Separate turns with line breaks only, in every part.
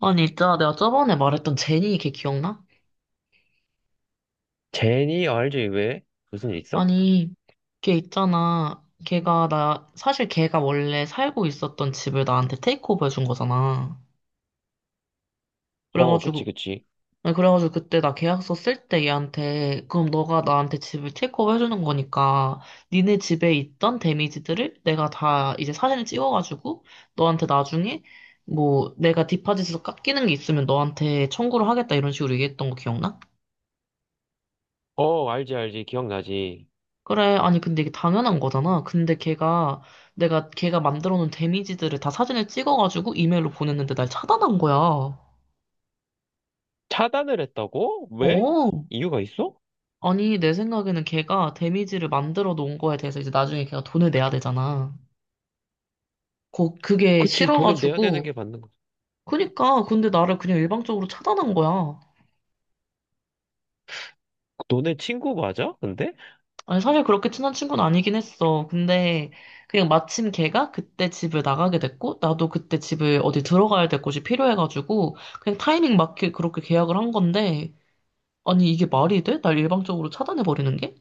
아니, 있잖아. 내가 저번에 말했던 제니 걔 기억나?
제니, 어, 알지, 왜? 무슨 일 있어?
아니, 걔 있잖아. 걔가 사실 걔가 원래 살고 있었던 집을 나한테 테이크오버 해준 거잖아.
어, 그치,
그래가지고,
그치.
아니, 그래가지고 그때 나 계약서 쓸 때 얘한테, 그럼 너가 나한테 집을 테이크오버 해주는 거니까, 니네 집에 있던 데미지들을 내가 다 이제 사진을 찍어가지고, 너한테 나중에, 뭐, 내가 디파짓에서 깎이는 게 있으면 너한테 청구를 하겠다 이런 식으로 얘기했던 거 기억나?
어, 알지, 알지. 기억나지.
그래, 아니, 근데 이게 당연한 거잖아. 근데 걔가, 내가 걔가 만들어 놓은 데미지들을 다 사진을 찍어가지고 이메일로 보냈는데 날 차단한 거야.
차단을 했다고? 왜?
어.
이유가 있어?
아니, 내 생각에는 걔가 데미지를 만들어 놓은 거에 대해서 이제 나중에 걔가 돈을 내야 되잖아. 그게
그치, 돈을 내야 되는 게
싫어가지고.
맞는 거.
그니까, 근데 나를 그냥 일방적으로 차단한 거야.
너네 친구 맞아? 근데?
아니, 사실 그렇게 친한 친구는 아니긴 했어. 근데 그냥 마침 걔가 그때 집을 나가게 됐고, 나도 그때 집을 어디 들어가야 될 곳이 필요해가지고, 그냥 타이밍 맞게 그렇게 계약을 한 건데, 아니, 이게 말이 돼? 날 일방적으로 차단해버리는 게?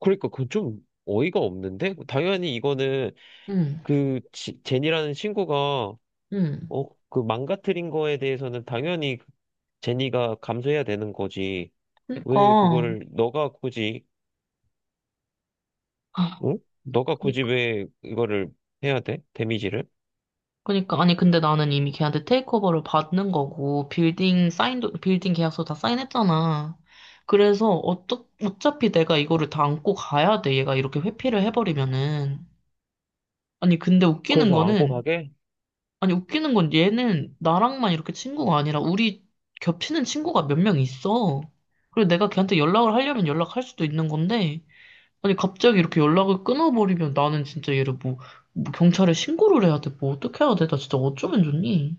그러니까 그건 좀 어이가 없는데? 당연히 이거는
응,
그 제니라는 친구가
응.
어, 그 망가뜨린 거에 대해서는 당연히 제니가 감수해야 되는 거지. 왜
그니까,
그거를 너가 굳이,
아,
응? 너가 굳이
그니까,
왜 이거를 해야 돼? 데미지를?
그니까. 아니, 근데 나는 이미 걔한테 테이크오버를 받는 거고, 빌딩 사인도, 빌딩 계약서 다 사인했잖아. 그래서 어차피 내가 이거를 다 안고 가야 돼. 얘가 이렇게 회피를 해버리면은. 아니, 근데 웃기는
그래서 안고
거는,
가게?
아니, 웃기는 건 얘는 나랑만 이렇게 친구가 아니라 우리 겹치는 친구가 몇 명 있어. 그리고 내가 걔한테 연락을 하려면 연락할 수도 있는 건데, 아니, 갑자기 이렇게 연락을 끊어버리면 나는 진짜 얘를 뭐, 뭐 경찰에 신고를 해야 돼. 뭐 어떻게 해야 돼? 나 진짜 어쩌면 좋니?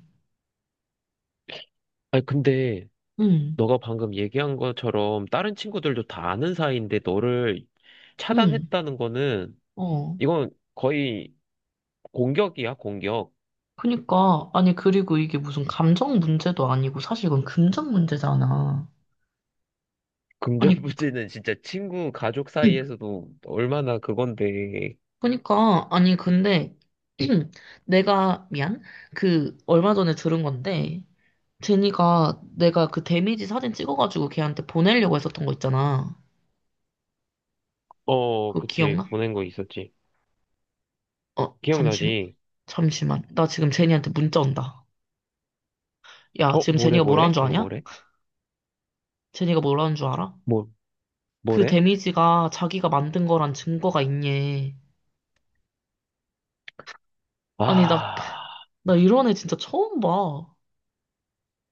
아니, 근데
응,
너가 방금 얘기한 것처럼 다른 친구들도 다 아는 사이인데 너를
응,
차단했다는 거는
어.
이건 거의 공격이야, 공격.
그니까, 아니, 그리고 이게 무슨 감정 문제도 아니고 사실 이건 금전 문제잖아. 아니,
금전부지는 진짜 친구, 가족
응.
사이에서도 얼마나 그건데.
그니까, 아니, 근데, 내가, 미안? 그, 얼마 전에 들은 건데, 제니가 내가 그 데미지 사진 찍어가지고 걔한테 보내려고 했었던 거 있잖아.
어,
그거
그치.
기억나?
보낸 거 있었지.
어,
기억나지?
잠시만. 나 지금 제니한테 문자 온다. 야,
어,
지금
뭐래,
제니가 뭐라는
뭐래?
줄
걔가
아냐?
뭐래?
제니가 뭐라는 줄 알아?
뭐,
그
뭐래?
데미지가 자기가 만든 거란 증거가 있니? 아니,
아,
나 이런 애 진짜 처음 봐.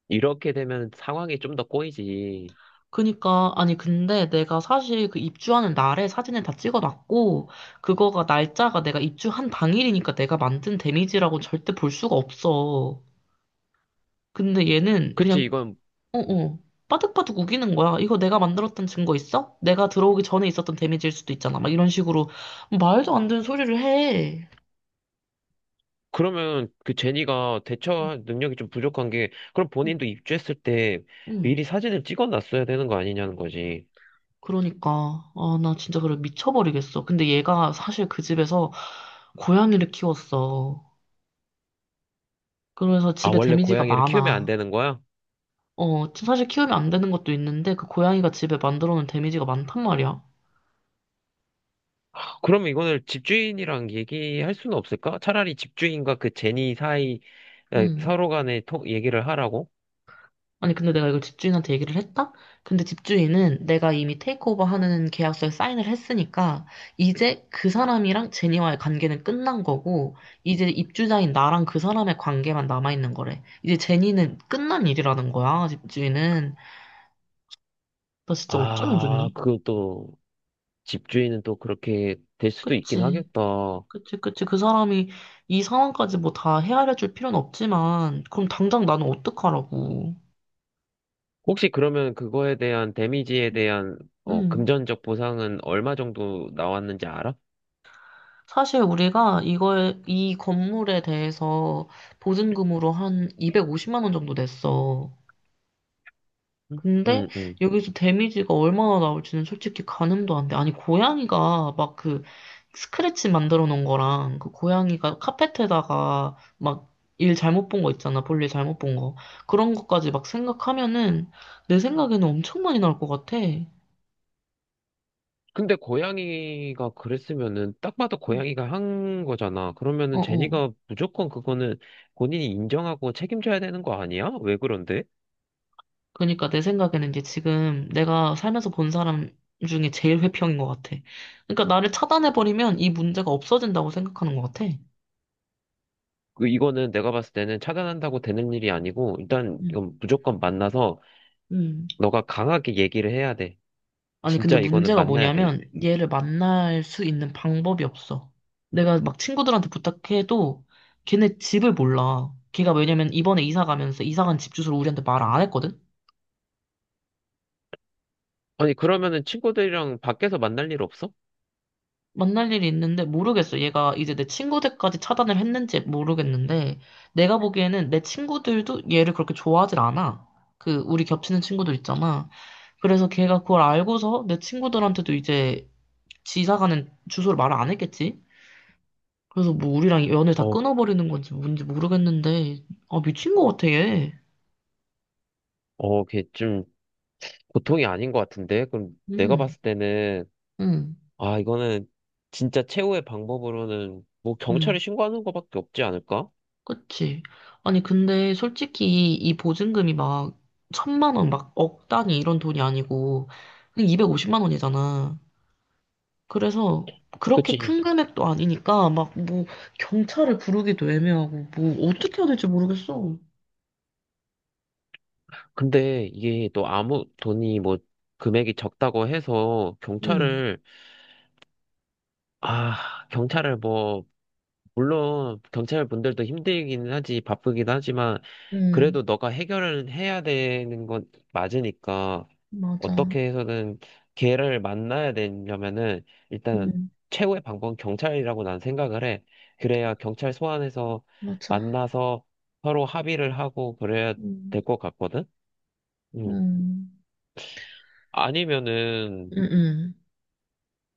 이렇게 되면 상황이 좀 더 꼬이지.
그니까, 아니, 근데 내가 사실 그 입주하는 날에 사진을 다 찍어놨고, 그거가 날짜가 내가 입주한 당일이니까 내가 만든 데미지라고 절대 볼 수가 없어. 근데 얘는 그냥,
그치, 이건.
어어, 빠득빠득 우기는 거야. 이거 내가 만들었던 증거 있어? 내가 들어오기 전에 있었던 데미지일 수도 있잖아. 막 이런 식으로 말도 안 되는 소리를 해.
그러면 그 제니가
응,
대처 능력이 좀 부족한 게, 그럼
응.
본인도 입주했을 때
응.
미리 사진을 찍어놨어야 되는 거 아니냐는 거지.
그러니까, 아, 나 진짜 그래 미쳐버리겠어. 근데 얘가 사실 그 집에서 고양이를 키웠어. 그래서
아,
집에
원래
데미지가
고양이를 키우면 안
많아.
되는 거야?
어, 사실 키우면 안 되는 것도 있는데, 그 고양이가 집에 만들어 놓은 데미지가 많단 말이야.
그러면 이거는 집주인이랑 얘기할 수는 없을까? 차라리 집주인과 그 제니 사이, 에,
음.
서로 간에 톡 얘기를 하라고?
아니, 근데 내가 이걸 집주인한테 얘기를 했다? 근데 집주인은 내가 이미 테이크오버 하는 계약서에 사인을 했으니까, 이제 그 사람이랑 제니와의 관계는 끝난 거고, 이제 입주자인 나랑 그 사람의 관계만 남아있는 거래. 이제 제니는 끝난 일이라는 거야, 집주인은. 나 진짜 어쩌면
아,
좋니?
그것도 집주인은 또 그렇게 될 수도 있긴
그치.
하겠다.
그치, 그치. 그 사람이 이 상황까지 뭐 다 헤아려 줄 필요는 없지만, 그럼 당장 나는 어떡하라고.
혹시 그러면 그거에 대한 데미지에 대한 어,
음,
금전적 보상은 얼마 정도 나왔는지 알아?
사실 우리가 이거에, 이 건물에 대해서 보증금으로 한 250만 원 정도 냈어.
응,
근데
응. 응.
여기서 데미지가 얼마나 나올지는 솔직히 가늠도 안 돼. 아니, 고양이가 막 그 스크래치 만들어 놓은 거랑 그 고양이가 카펫에다가 막 일 잘못 본 거 있잖아. 볼일 잘못 본 거. 그런 것까지 막 생각하면은 내 생각에는 엄청 많이 나올 것 같아. 음.
근데 고양이가 그랬으면은 딱 봐도 고양이가 한 거잖아. 그러면은
어어.
제니가 무조건 그거는 본인이 인정하고 책임져야 되는 거 아니야? 왜 그런데?
그러니까 내 생각에는 이제 지금 내가 살면서 본 사람 중에 제일 회평인 것 같아. 그러니까 나를 차단해버리면 이 문제가 없어진다고 생각하는 것 같아.
그 이거는 내가 봤을 때는 차단한다고 되는 일이 아니고 일단
응.
이건 무조건 만나서
응.
너가 강하게 얘기를 해야 돼.
아니, 근데
진짜 이거는
문제가
만나야 돼.
뭐냐면 얘를 만날 수 있는 방법이 없어. 내가 막 친구들한테 부탁해도 걔네 집을 몰라. 걔가 왜냐면 이번에 이사 가면서 이사 간 집 주소를 우리한테 말 안 했거든?
아니 그러면은 친구들이랑 밖에서 만날 일 없어?
만날 일이 있는데 모르겠어. 얘가 이제 내 친구들까지 차단을 했는지 모르겠는데 내가 보기에는 내 친구들도 얘를 그렇게 좋아하질 않아. 그 우리 겹치는 친구들 있잖아. 그래서 걔가 그걸 알고서 내 친구들한테도 이제 지사 가는 주소를 말 안 했겠지? 그래서 뭐 우리랑 연을 다
어,
끊어버리는 건지 뭔지 모르겠는데, 아, 미친 것 같아, 얘.
어, 걔 좀 고통이 아닌 것 같은데? 그럼 내가
응,
봤을 때는
응,
아, 이거는 진짜 최후의 방법으로는 뭐 경찰에
응.
신고하는 거밖에 없지 않을까?
그치. 아니, 근데 솔직히 이 보증금이 막 천만 원, 막 억 단위 이런 돈이 아니고, 그냥 250만 원이잖아. 그래서 그렇게
그치?
큰 금액도 아니니까, 막 뭐 경찰을 부르기도 애매하고, 뭐 어떻게 해야 될지 모르겠어.
근데 이게 또 아무 돈이 뭐 금액이 적다고 해서
응,
경찰을, 아, 경찰을 뭐, 물론 경찰분들도 힘들긴 하지, 바쁘긴 하지만
응,
그래도 너가 해결을 해야 되는 건 맞으니까
맞아.
어떻게 해서든 걔를 만나야 되려면은 일단
응,
최고의 방법은 경찰이라고 난 생각을 해. 그래야 경찰 소환해서
맞아.
만나서 서로 합의를 하고 그래야
응,
될 것 같거든? 음.
응,
아니면은
응,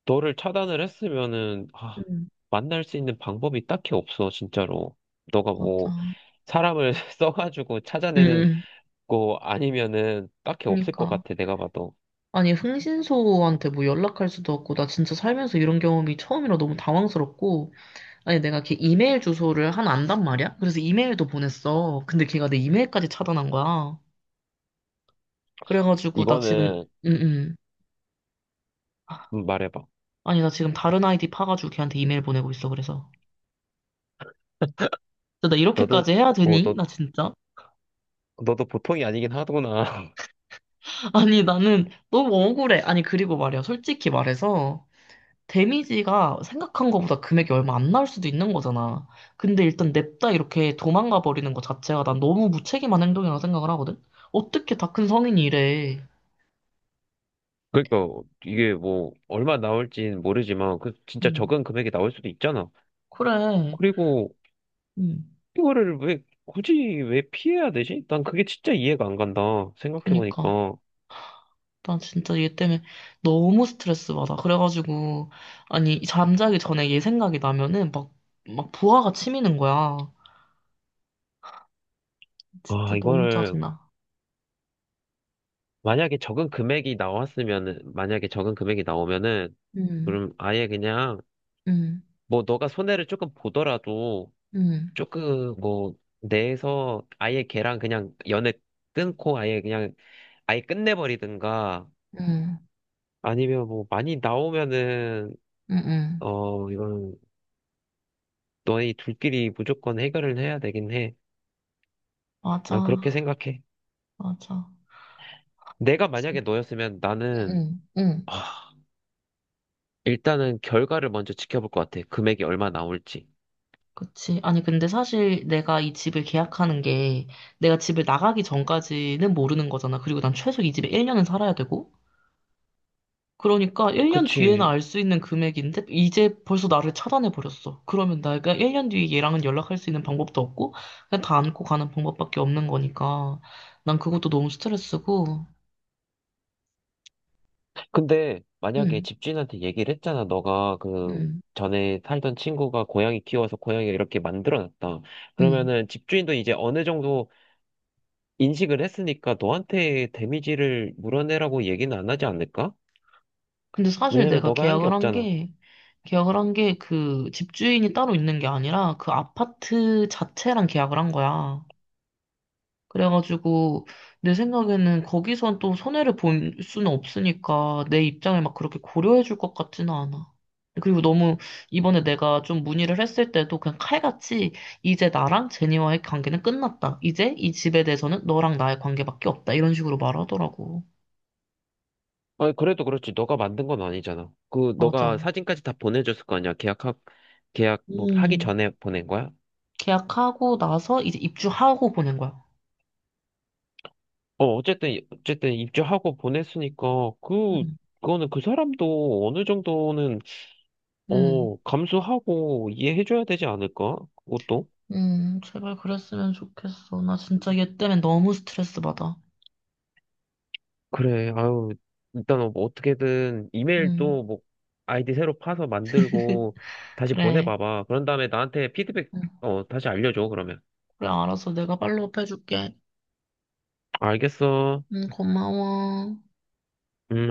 너를 차단을 했으면은 아,
응.
만날 수 있는 방법이 딱히 없어, 진짜로. 너가
맞아.
뭐 사람을 써가지고 찾아내는
음,
고 아니면은 딱히 없을 것
그니까.
같아 내가 봐도
아니, 흥신소한테 뭐 연락할 수도 없고, 나 진짜 살면서 이런 경험이 처음이라 너무 당황스럽고, 아니, 내가 걔 이메일 주소를 하나 안단 말이야? 그래서 이메일도 보냈어. 근데 걔가 내 이메일까지 차단한 거야. 그래가지고, 나 지금,
이거는
음, 음.
말해봐
아니, 나 지금 다른 아이디 파가지고 걔한테 이메일 보내고 있어, 그래서. 근데 나
너도
이렇게까지 해야
어,
되니?
너
나 진짜?
너도 보통이 아니긴 하구나
아니, 나는 너무 억울해. 아니, 그리고 말이야, 솔직히 말해서. 데미지가 생각한 것보다 금액이 얼마 안 나올 수도 있는 거잖아. 근데 일단 냅다 이렇게 도망가 버리는 것 자체가 난 너무 무책임한 행동이라고 생각을 하거든? 어떻게 다 큰 성인이 이래.
그러니까 이게 뭐 얼마 나올진 모르지만 그 진짜
음,
적은 금액이 나올 수도 있잖아
그래.
그리고
음,
이거를 왜 굳이 왜 피해야 되지? 난 그게 진짜 이해가 안 간다
그니까.
생각해보니까
난 진짜 얘 때문에 너무 스트레스 받아. 그래가지고, 아니, 잠자기 전에 얘 생각이 나면은 막, 막 부하가 치미는 거야.
아
진짜 너무
이거를
짜증나.
만약에 적은 금액이 나왔으면은 만약에 적은 금액이 나오면은
응
그럼 아예 그냥
응
뭐 너가 손해를 조금 보더라도
응
조금 뭐 내에서 아예 걔랑 그냥 연애 끊고 아예 그냥 아예 끝내버리든가
응
아니면 뭐 많이 나오면은
응 응
어 이건 너희 둘끼리 무조건 해결을 해야 되긴 해. 난 그렇게
맞아,
생각해.
맞아.
내가 만약에 너였으면 나는
응, 응,
아, 일단은 결과를 먼저 지켜볼 것 같아. 금액이 얼마 나올지.
그치. 아니, 근데 사실 내가 이 집을 계약하는 게 내가 집을 나가기 전까지는 모르는 거잖아. 그리고 난 최소 이 집에 1년은 살아야 되고. 그러니까 1년 뒤에는
그치.
알 수 있는 금액인데 이제 벌써 나를 차단해버렸어. 그러면 내가 1년 뒤에 얘랑은 연락할 수 있는 방법도 없고 그냥 다 안고 가는 방법밖에 없는 거니까 난 그것도 너무 스트레스고.
근데 만약에
응,
집주인한테 얘기를 했잖아. 너가 그
응,
전에 살던 친구가 고양이 키워서 고양이를 이렇게 만들어놨다.
응.
그러면은 집주인도 이제 어느 정도 인식을 했으니까 너한테 데미지를 물어내라고 얘기는 안 하지 않을까?
근데 사실
왜냐면
내가
너가 한 게
계약을 한
없잖아.
게, 계약을 한 게 그 집주인이 따로 있는 게 아니라 그 아파트 자체랑 계약을 한 거야. 그래가지고 내 생각에는 거기선 또 손해를 볼 수는 없으니까 내 입장을 막 그렇게 고려해 줄 것 같지는 않아. 그리고 너무 이번에 내가 좀 문의를 했을 때도 그냥 칼같이 이제 나랑 제니와의 관계는 끝났다. 이제 이 집에 대해서는 너랑 나의 관계밖에 없다. 이런 식으로 말하더라고.
아니, 그래도 그렇지. 너가 만든 건 아니잖아. 그 너가
맞아.
사진까지 다 보내줬을 거 아니야. 계약 뭐 하기
음,
전에 보낸 거야?
계약하고 나서 이제 입주하고 보낸 거야.
어, 어쨌든 어쨌든 입주하고 보냈으니까 그
응,
그거는 그 사람도 어느 정도는
응,
어, 감수하고 이해해줘야 되지 않을까? 그것도?
응. 제발 그랬으면 좋겠어. 나 진짜 얘 때문에 너무 스트레스 받아.
그래, 아유, 일단 뭐 어떻게든
응,
이메일도 뭐 아이디 새로 파서 만들고 다시
그래.
보내봐봐. 그런 다음에 나한테 피드백,
응,
어, 다시 알려줘, 그러면.
그래, 알았어. 내가 팔로업 해줄게.
알겠어.
응, 고마워.
음.